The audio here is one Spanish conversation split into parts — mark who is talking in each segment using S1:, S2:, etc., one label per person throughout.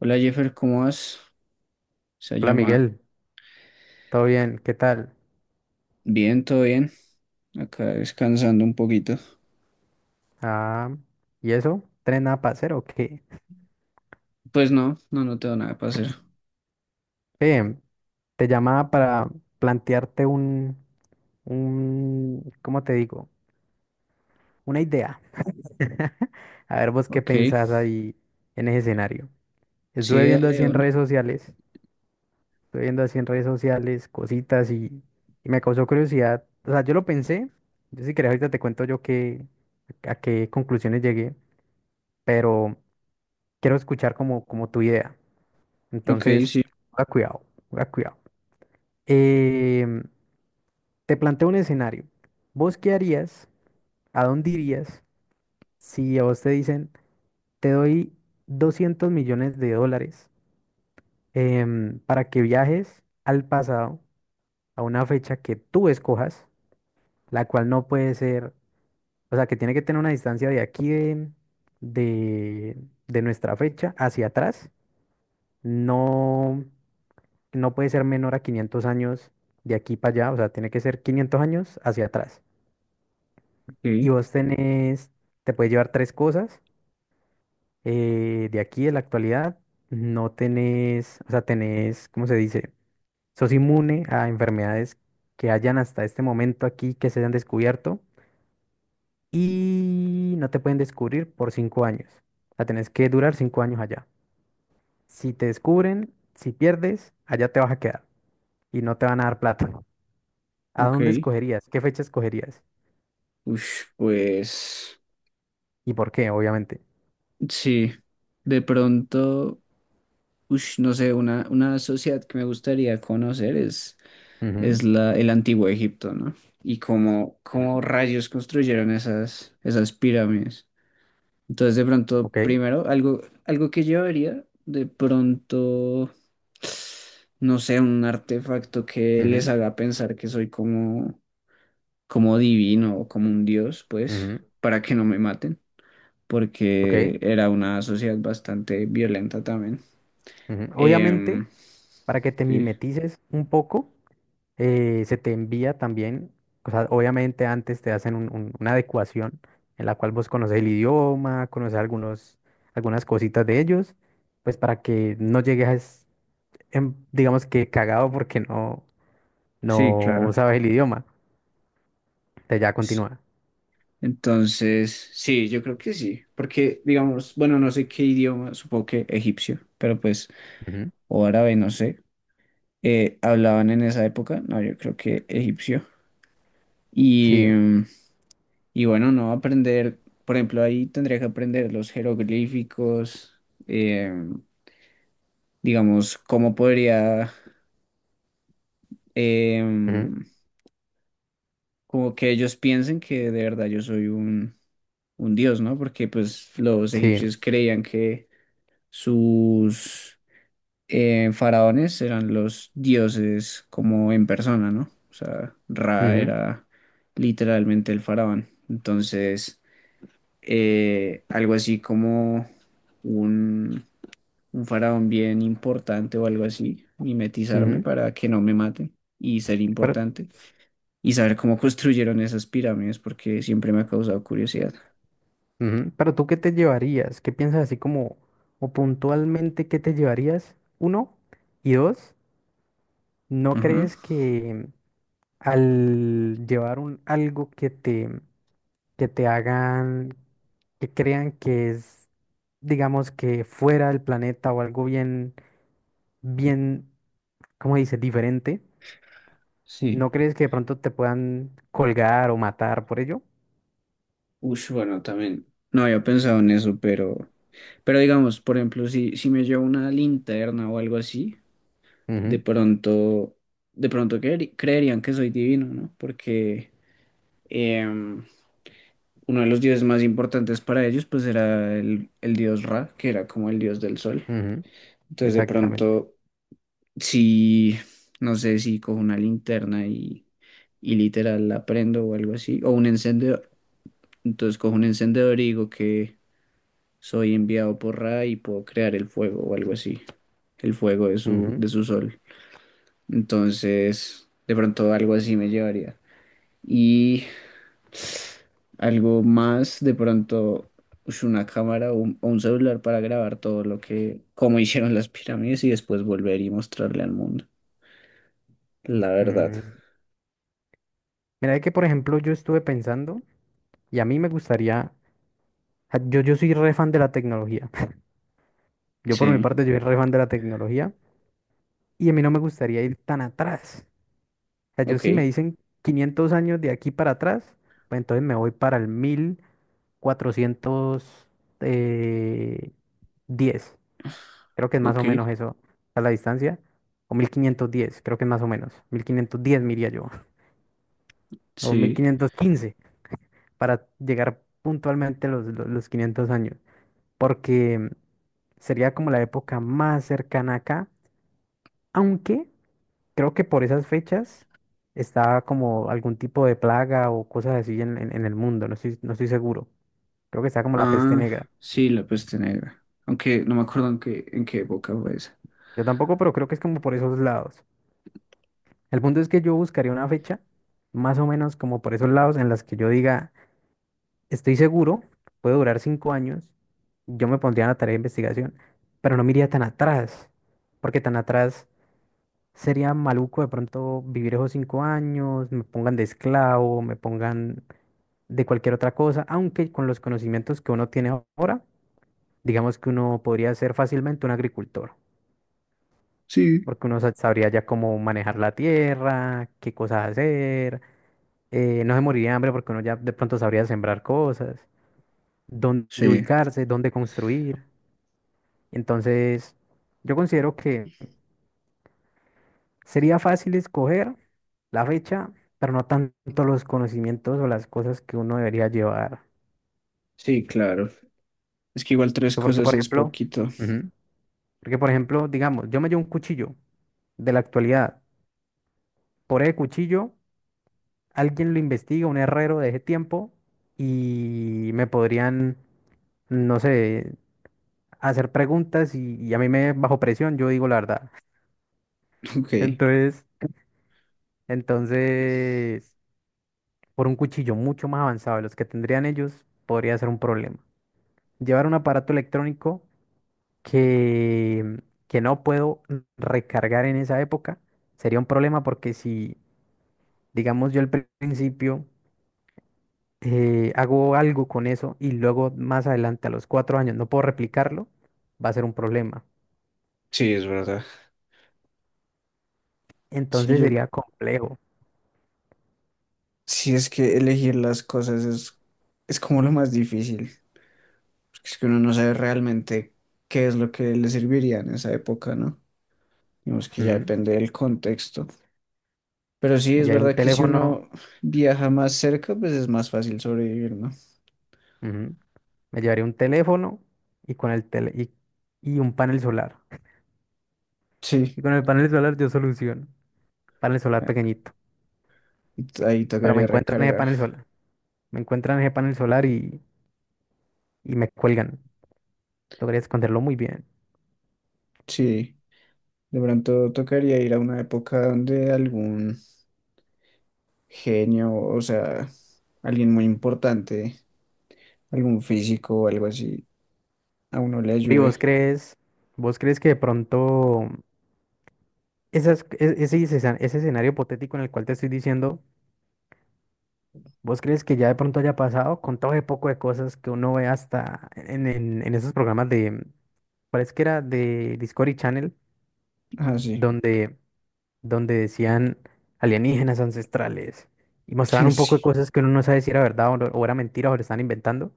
S1: Hola Jeffer, ¿cómo vas? Se
S2: Hola
S1: llama.
S2: Miguel, ¿todo bien? ¿Qué tal?
S1: Bien, todo bien. Acá descansando un poquito.
S2: Ah, ¿y eso? ¿Tren nada para hacer o qué?
S1: Pues no, no, no tengo nada para hacer.
S2: Ve, te llamaba para plantearte ¿cómo te digo? Una idea. A ver vos qué
S1: Ok,
S2: pensás ahí en ese escenario. Estuve
S1: sí,
S2: viendo
S1: dale
S2: así en redes
S1: una.
S2: sociales, estuve viendo así en redes sociales cositas y me causó curiosidad. O sea, yo lo pensé, yo si querés ahorita te cuento a qué conclusiones llegué, pero quiero escuchar como tu idea.
S1: Ok,
S2: Entonces,
S1: sí,
S2: a cuidado, a cuidado. Em, te planteo un escenario. ¿Vos qué harías? ¿A dónde irías si a vos te dicen, te doy $200 millones para que viajes al pasado a una fecha que tú escojas, la cual no puede ser, o sea, que tiene que tener una distancia de aquí de, de nuestra fecha hacia atrás? No, no puede ser menor a 500 años de aquí para allá, o sea, tiene que ser 500 años hacia atrás. Y
S1: ok,
S2: vos tenés, te puedes llevar tres cosas de aquí, de la actualidad. No tenés, o sea, tenés, ¿cómo se dice? Sos inmune a enfermedades que hayan hasta este momento aquí que se hayan descubierto y no te pueden descubrir por 5 años. O sea, tenés que durar 5 años allá. Si te descubren, si pierdes, allá te vas a quedar y no te van a dar plata. ¿A
S1: ok.
S2: dónde escogerías? ¿Qué fecha escogerías?
S1: Ush, pues
S2: Y por qué, obviamente.
S1: sí. De pronto, ush, no sé, una sociedad que me gustaría conocer
S2: Ujú,
S1: es la, el Antiguo Egipto, ¿no? Y cómo,
S2: ujú,
S1: cómo rayos construyeron esas, esas pirámides. Entonces, de pronto,
S2: ok,
S1: primero, algo, algo que llevaría, de pronto, no sé, un artefacto que les
S2: ujú,
S1: haga pensar que soy como, como divino o como un dios, pues,
S2: ujú,
S1: para que no me maten,
S2: ok,
S1: porque era una sociedad bastante violenta también.
S2: ujú. Obviamente,
S1: Em,
S2: para que te
S1: sí,
S2: mimetices un poco, se te envía también, o sea, obviamente antes te hacen un- una adecuación en la cual vos conoces el idioma, conoces algunas cositas de ellos, pues para que no llegues, en- digamos que cagado porque no,
S1: sí,
S2: no
S1: claro.
S2: sabes el idioma. Te ya
S1: Sí.
S2: continúa.
S1: Entonces, sí, yo creo que sí, porque, digamos, bueno, no sé qué idioma, supongo que egipcio, pero pues,
S2: Ujú,
S1: o árabe, no sé hablaban en esa época, no, yo creo que egipcio. Y,
S2: sí,
S1: y bueno, no aprender, por ejemplo, ahí tendría que aprender los jeroglíficos, em, digamos, cómo podría,
S2: ujú,
S1: em, como que ellos piensen que de verdad yo soy un dios, ¿no? Porque pues los
S2: sí,
S1: egipcios creían que sus faraones eran los dioses como en persona, ¿no? O sea, Ra
S2: ujú,
S1: era literalmente el faraón. Entonces, algo así como un, un faraón bien importante o algo así, mimetizarme
S2: ujú.
S1: para que no me maten y ser
S2: Pero
S1: importante y saber cómo construyeron esas pirámides porque siempre me ha causado curiosidad.
S2: ujú, pero tú, ¿qué te llevarías? ¿Qué piensas así como, o puntualmente, qué te llevarías? Uno, y dos, ¿no
S1: Ajá,
S2: crees que al llevar un algo que te hagan, que crean que es, digamos, que fuera del planeta o algo bien, ¿cómo dice? Diferente,
S1: sí.
S2: ¿no crees que de pronto te puedan colgar o matar por ello?
S1: Ush, bueno, también no había pensado en eso, pero digamos, por ejemplo, si, si me llevo una linterna o algo así, de
S2: Ujú,
S1: pronto, de pronto creerían que soy divino, ¿no? Porque em, uno de los dioses más importantes para ellos, pues era el dios Ra, que era como el dios del sol.
S2: ujú,
S1: Entonces, de
S2: exactamente.
S1: pronto, si, no sé, si cojo una linterna y literal la prendo o algo así, o un encendedor. Entonces cojo un encendedor y digo soy enviado por Ra y puedo crear el fuego o algo así, el fuego
S2: Ujú,
S1: de su sol. Entonces, de pronto algo así me llevaría. Y algo más, de pronto, ush, una cámara o un celular para grabar todo lo que, cómo hicieron las pirámides y después volver y mostrarle al mundo. La verdad.
S2: mm, mira que, por ejemplo, yo estuve pensando y a mí me gustaría, ah, yo soy re fan de la tecnología. Yo por mi
S1: Sí,
S2: parte, yo soy re fan de la tecnología y a mí no me gustaría ir tan atrás. O sea, yo
S1: ok,
S2: si me dicen 500 años de aquí para atrás, pues entonces me voy para el 1400 eh, diez, creo que es más
S1: ok,
S2: o menos eso, a la distancia. O 1510, creo que es más o menos. 1510 me iría yo. O mil
S1: sí.
S2: quinientos quince para llegar puntualmente a los, los 500 años, porque sería como la época más cercana acá, aunque creo que por esas fechas está como algún tipo de plaga o cosas así en el mundo, no estoy seguro. Creo que está como la peste
S1: Ah,
S2: negra.
S1: sí, la peste negra. Aunque no me acuerdo en qué época fue esa.
S2: Yo tampoco, pero creo que es como por esos lados. El punto es que yo buscaría una fecha, más o menos como por esos lados, en las que yo diga, estoy seguro, puede durar 5 años, yo me pondría en la tarea de investigación, pero no me iría tan atrás, porque tan atrás sería maluco de pronto vivir esos 5 años, me pongan de esclavo, me pongan de cualquier otra cosa, aunque con los conocimientos que uno tiene ahora, digamos que uno podría ser fácilmente un agricultor,
S1: Sí.
S2: porque uno sabría ya cómo manejar la tierra, qué cosas hacer, no se moriría de hambre porque uno ya de pronto sabría sembrar cosas, dónde
S1: Sí.
S2: ubicarse, dónde construir. Entonces, yo considero sería fácil escoger la fecha, pero no tanto los conocimientos o las cosas que uno debería llevar.
S1: Sí, claro. Es que igual tres
S2: Porque,
S1: cosas
S2: por
S1: es
S2: ejemplo,
S1: poquito.
S2: ujú, porque, por ejemplo, digamos, yo me llevo un cuchillo de la actualidad. Por el cuchillo, alguien lo investiga, un herrero de ese tiempo, y me podrían, no sé, hacer preguntas y a mí me bajo presión, yo digo la verdad.
S1: Ok.
S2: Entonces, entonces, por un cuchillo mucho más avanzado de los que tendrían ellos, podría ser un problema. Llevar un aparato electrónico que, que no puedo recargar en esa época sería un problema porque si, digamos, yo al principio hago algo con eso y luego más adelante a los 4 años no puedo replicarlo, va a ser un problema.
S1: Sí, es verdad. Sí,
S2: Entonces
S1: yo,
S2: sería complejo.
S1: sí es que elegir las cosas es como lo más difícil, porque es que uno no sabe realmente qué es lo que le serviría en esa época, ¿no? Digamos que ya
S2: Ujú.
S1: depende del contexto. Pero sí,
S2: Me
S1: es
S2: llevaría un
S1: verdad que si
S2: teléfono,
S1: uno viaja más cerca, pues es más fácil sobrevivir, ¿no?
S2: ujú, me llevaría un teléfono y con el y un panel solar.
S1: Sí,
S2: Y con el panel solar yo soluciono. Panel solar
S1: ah,
S2: pequeñito.
S1: ahí
S2: Pero me
S1: tocaría
S2: encuentran ese
S1: recargar.
S2: panel solar. Me encuentran ese panel solar y me cuelgan. Logré esconderlo muy bien.
S1: Sí, de pronto tocaría ir a una época donde algún genio, o sea, alguien muy importante, algún físico o algo así, a uno le
S2: ¿Y
S1: ayude.
S2: vos crees que de pronto ese escenario hipotético en el cual te estoy diciendo, vos crees que ya de pronto haya pasado con todo ese poco de cosas que uno ve hasta en esos programas de, parece que era de Discovery Channel,
S1: Ah, sí,
S2: donde, donde decían alienígenas ancestrales y mostraban un poco de
S1: sí.
S2: cosas que uno no sabe si era verdad o, no- o era mentira o lo están inventando?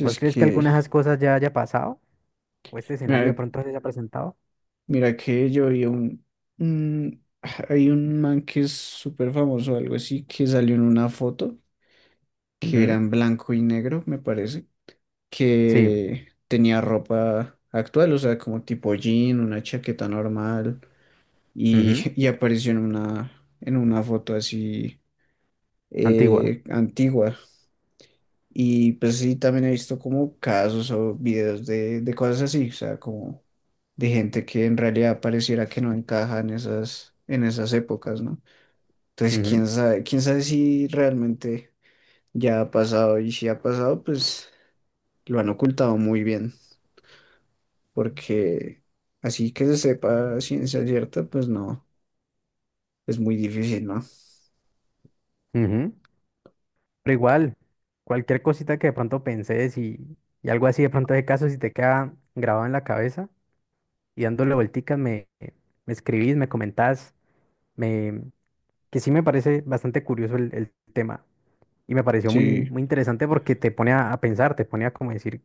S2: ¿Vos crees que
S1: que,
S2: alguna de esas cosas ya haya pasado? ¿O este escenario de
S1: mira,
S2: pronto se ha presentado?
S1: mira que yo vi un, un- hay un man que es súper famoso, algo así, que salió en una foto que era
S2: Ujú,
S1: en blanco y negro, me parece,
S2: sí,
S1: que tenía ropa actual, o sea, como tipo jean, una chaqueta normal, y,
S2: ujú,
S1: y apareció en una foto así
S2: antigua,
S1: antigua. Y pues sí, también he visto como casos o videos de cosas así, o sea, como de gente que en realidad pareciera que no encaja en esas épocas, ¿no? Entonces,
S2: ujú,
S1: quién sabe si realmente ya ha pasado y si ha pasado, pues lo han ocultado muy bien, porque así que se sepa a ciencia cierta, pues no, es muy difícil, ¿no?
S2: ujú. Pero igual, cualquier cosita que de pronto pensés y algo así de pronto de caso, si te queda grabado en la cabeza y dándole vuelticas, me escribís, me comentás, me, que sí me parece bastante curioso el tema. Y me pareció muy,
S1: Sí,
S2: muy interesante porque te pone a pensar, te pone a como decir,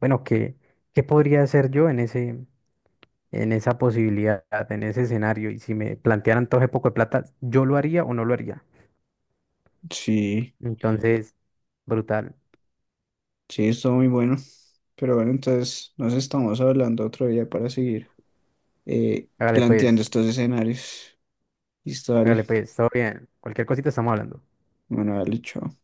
S2: bueno, ¿qué podría hacer yo en en esa posibilidad, en ese escenario, y si me plantearan todo ese poco de plata, ¿yo lo haría o no lo haría?
S1: sí,
S2: Entonces, brutal.
S1: sí, estuvo muy bueno. Pero bueno, entonces nos estamos hablando otro día para seguir
S2: Hágale
S1: planteando
S2: pues,
S1: estos escenarios. Listo,
S2: hágale
S1: dale.
S2: pues, todo bien. Cualquier cosita estamos hablando.
S1: Bueno, dale, chao.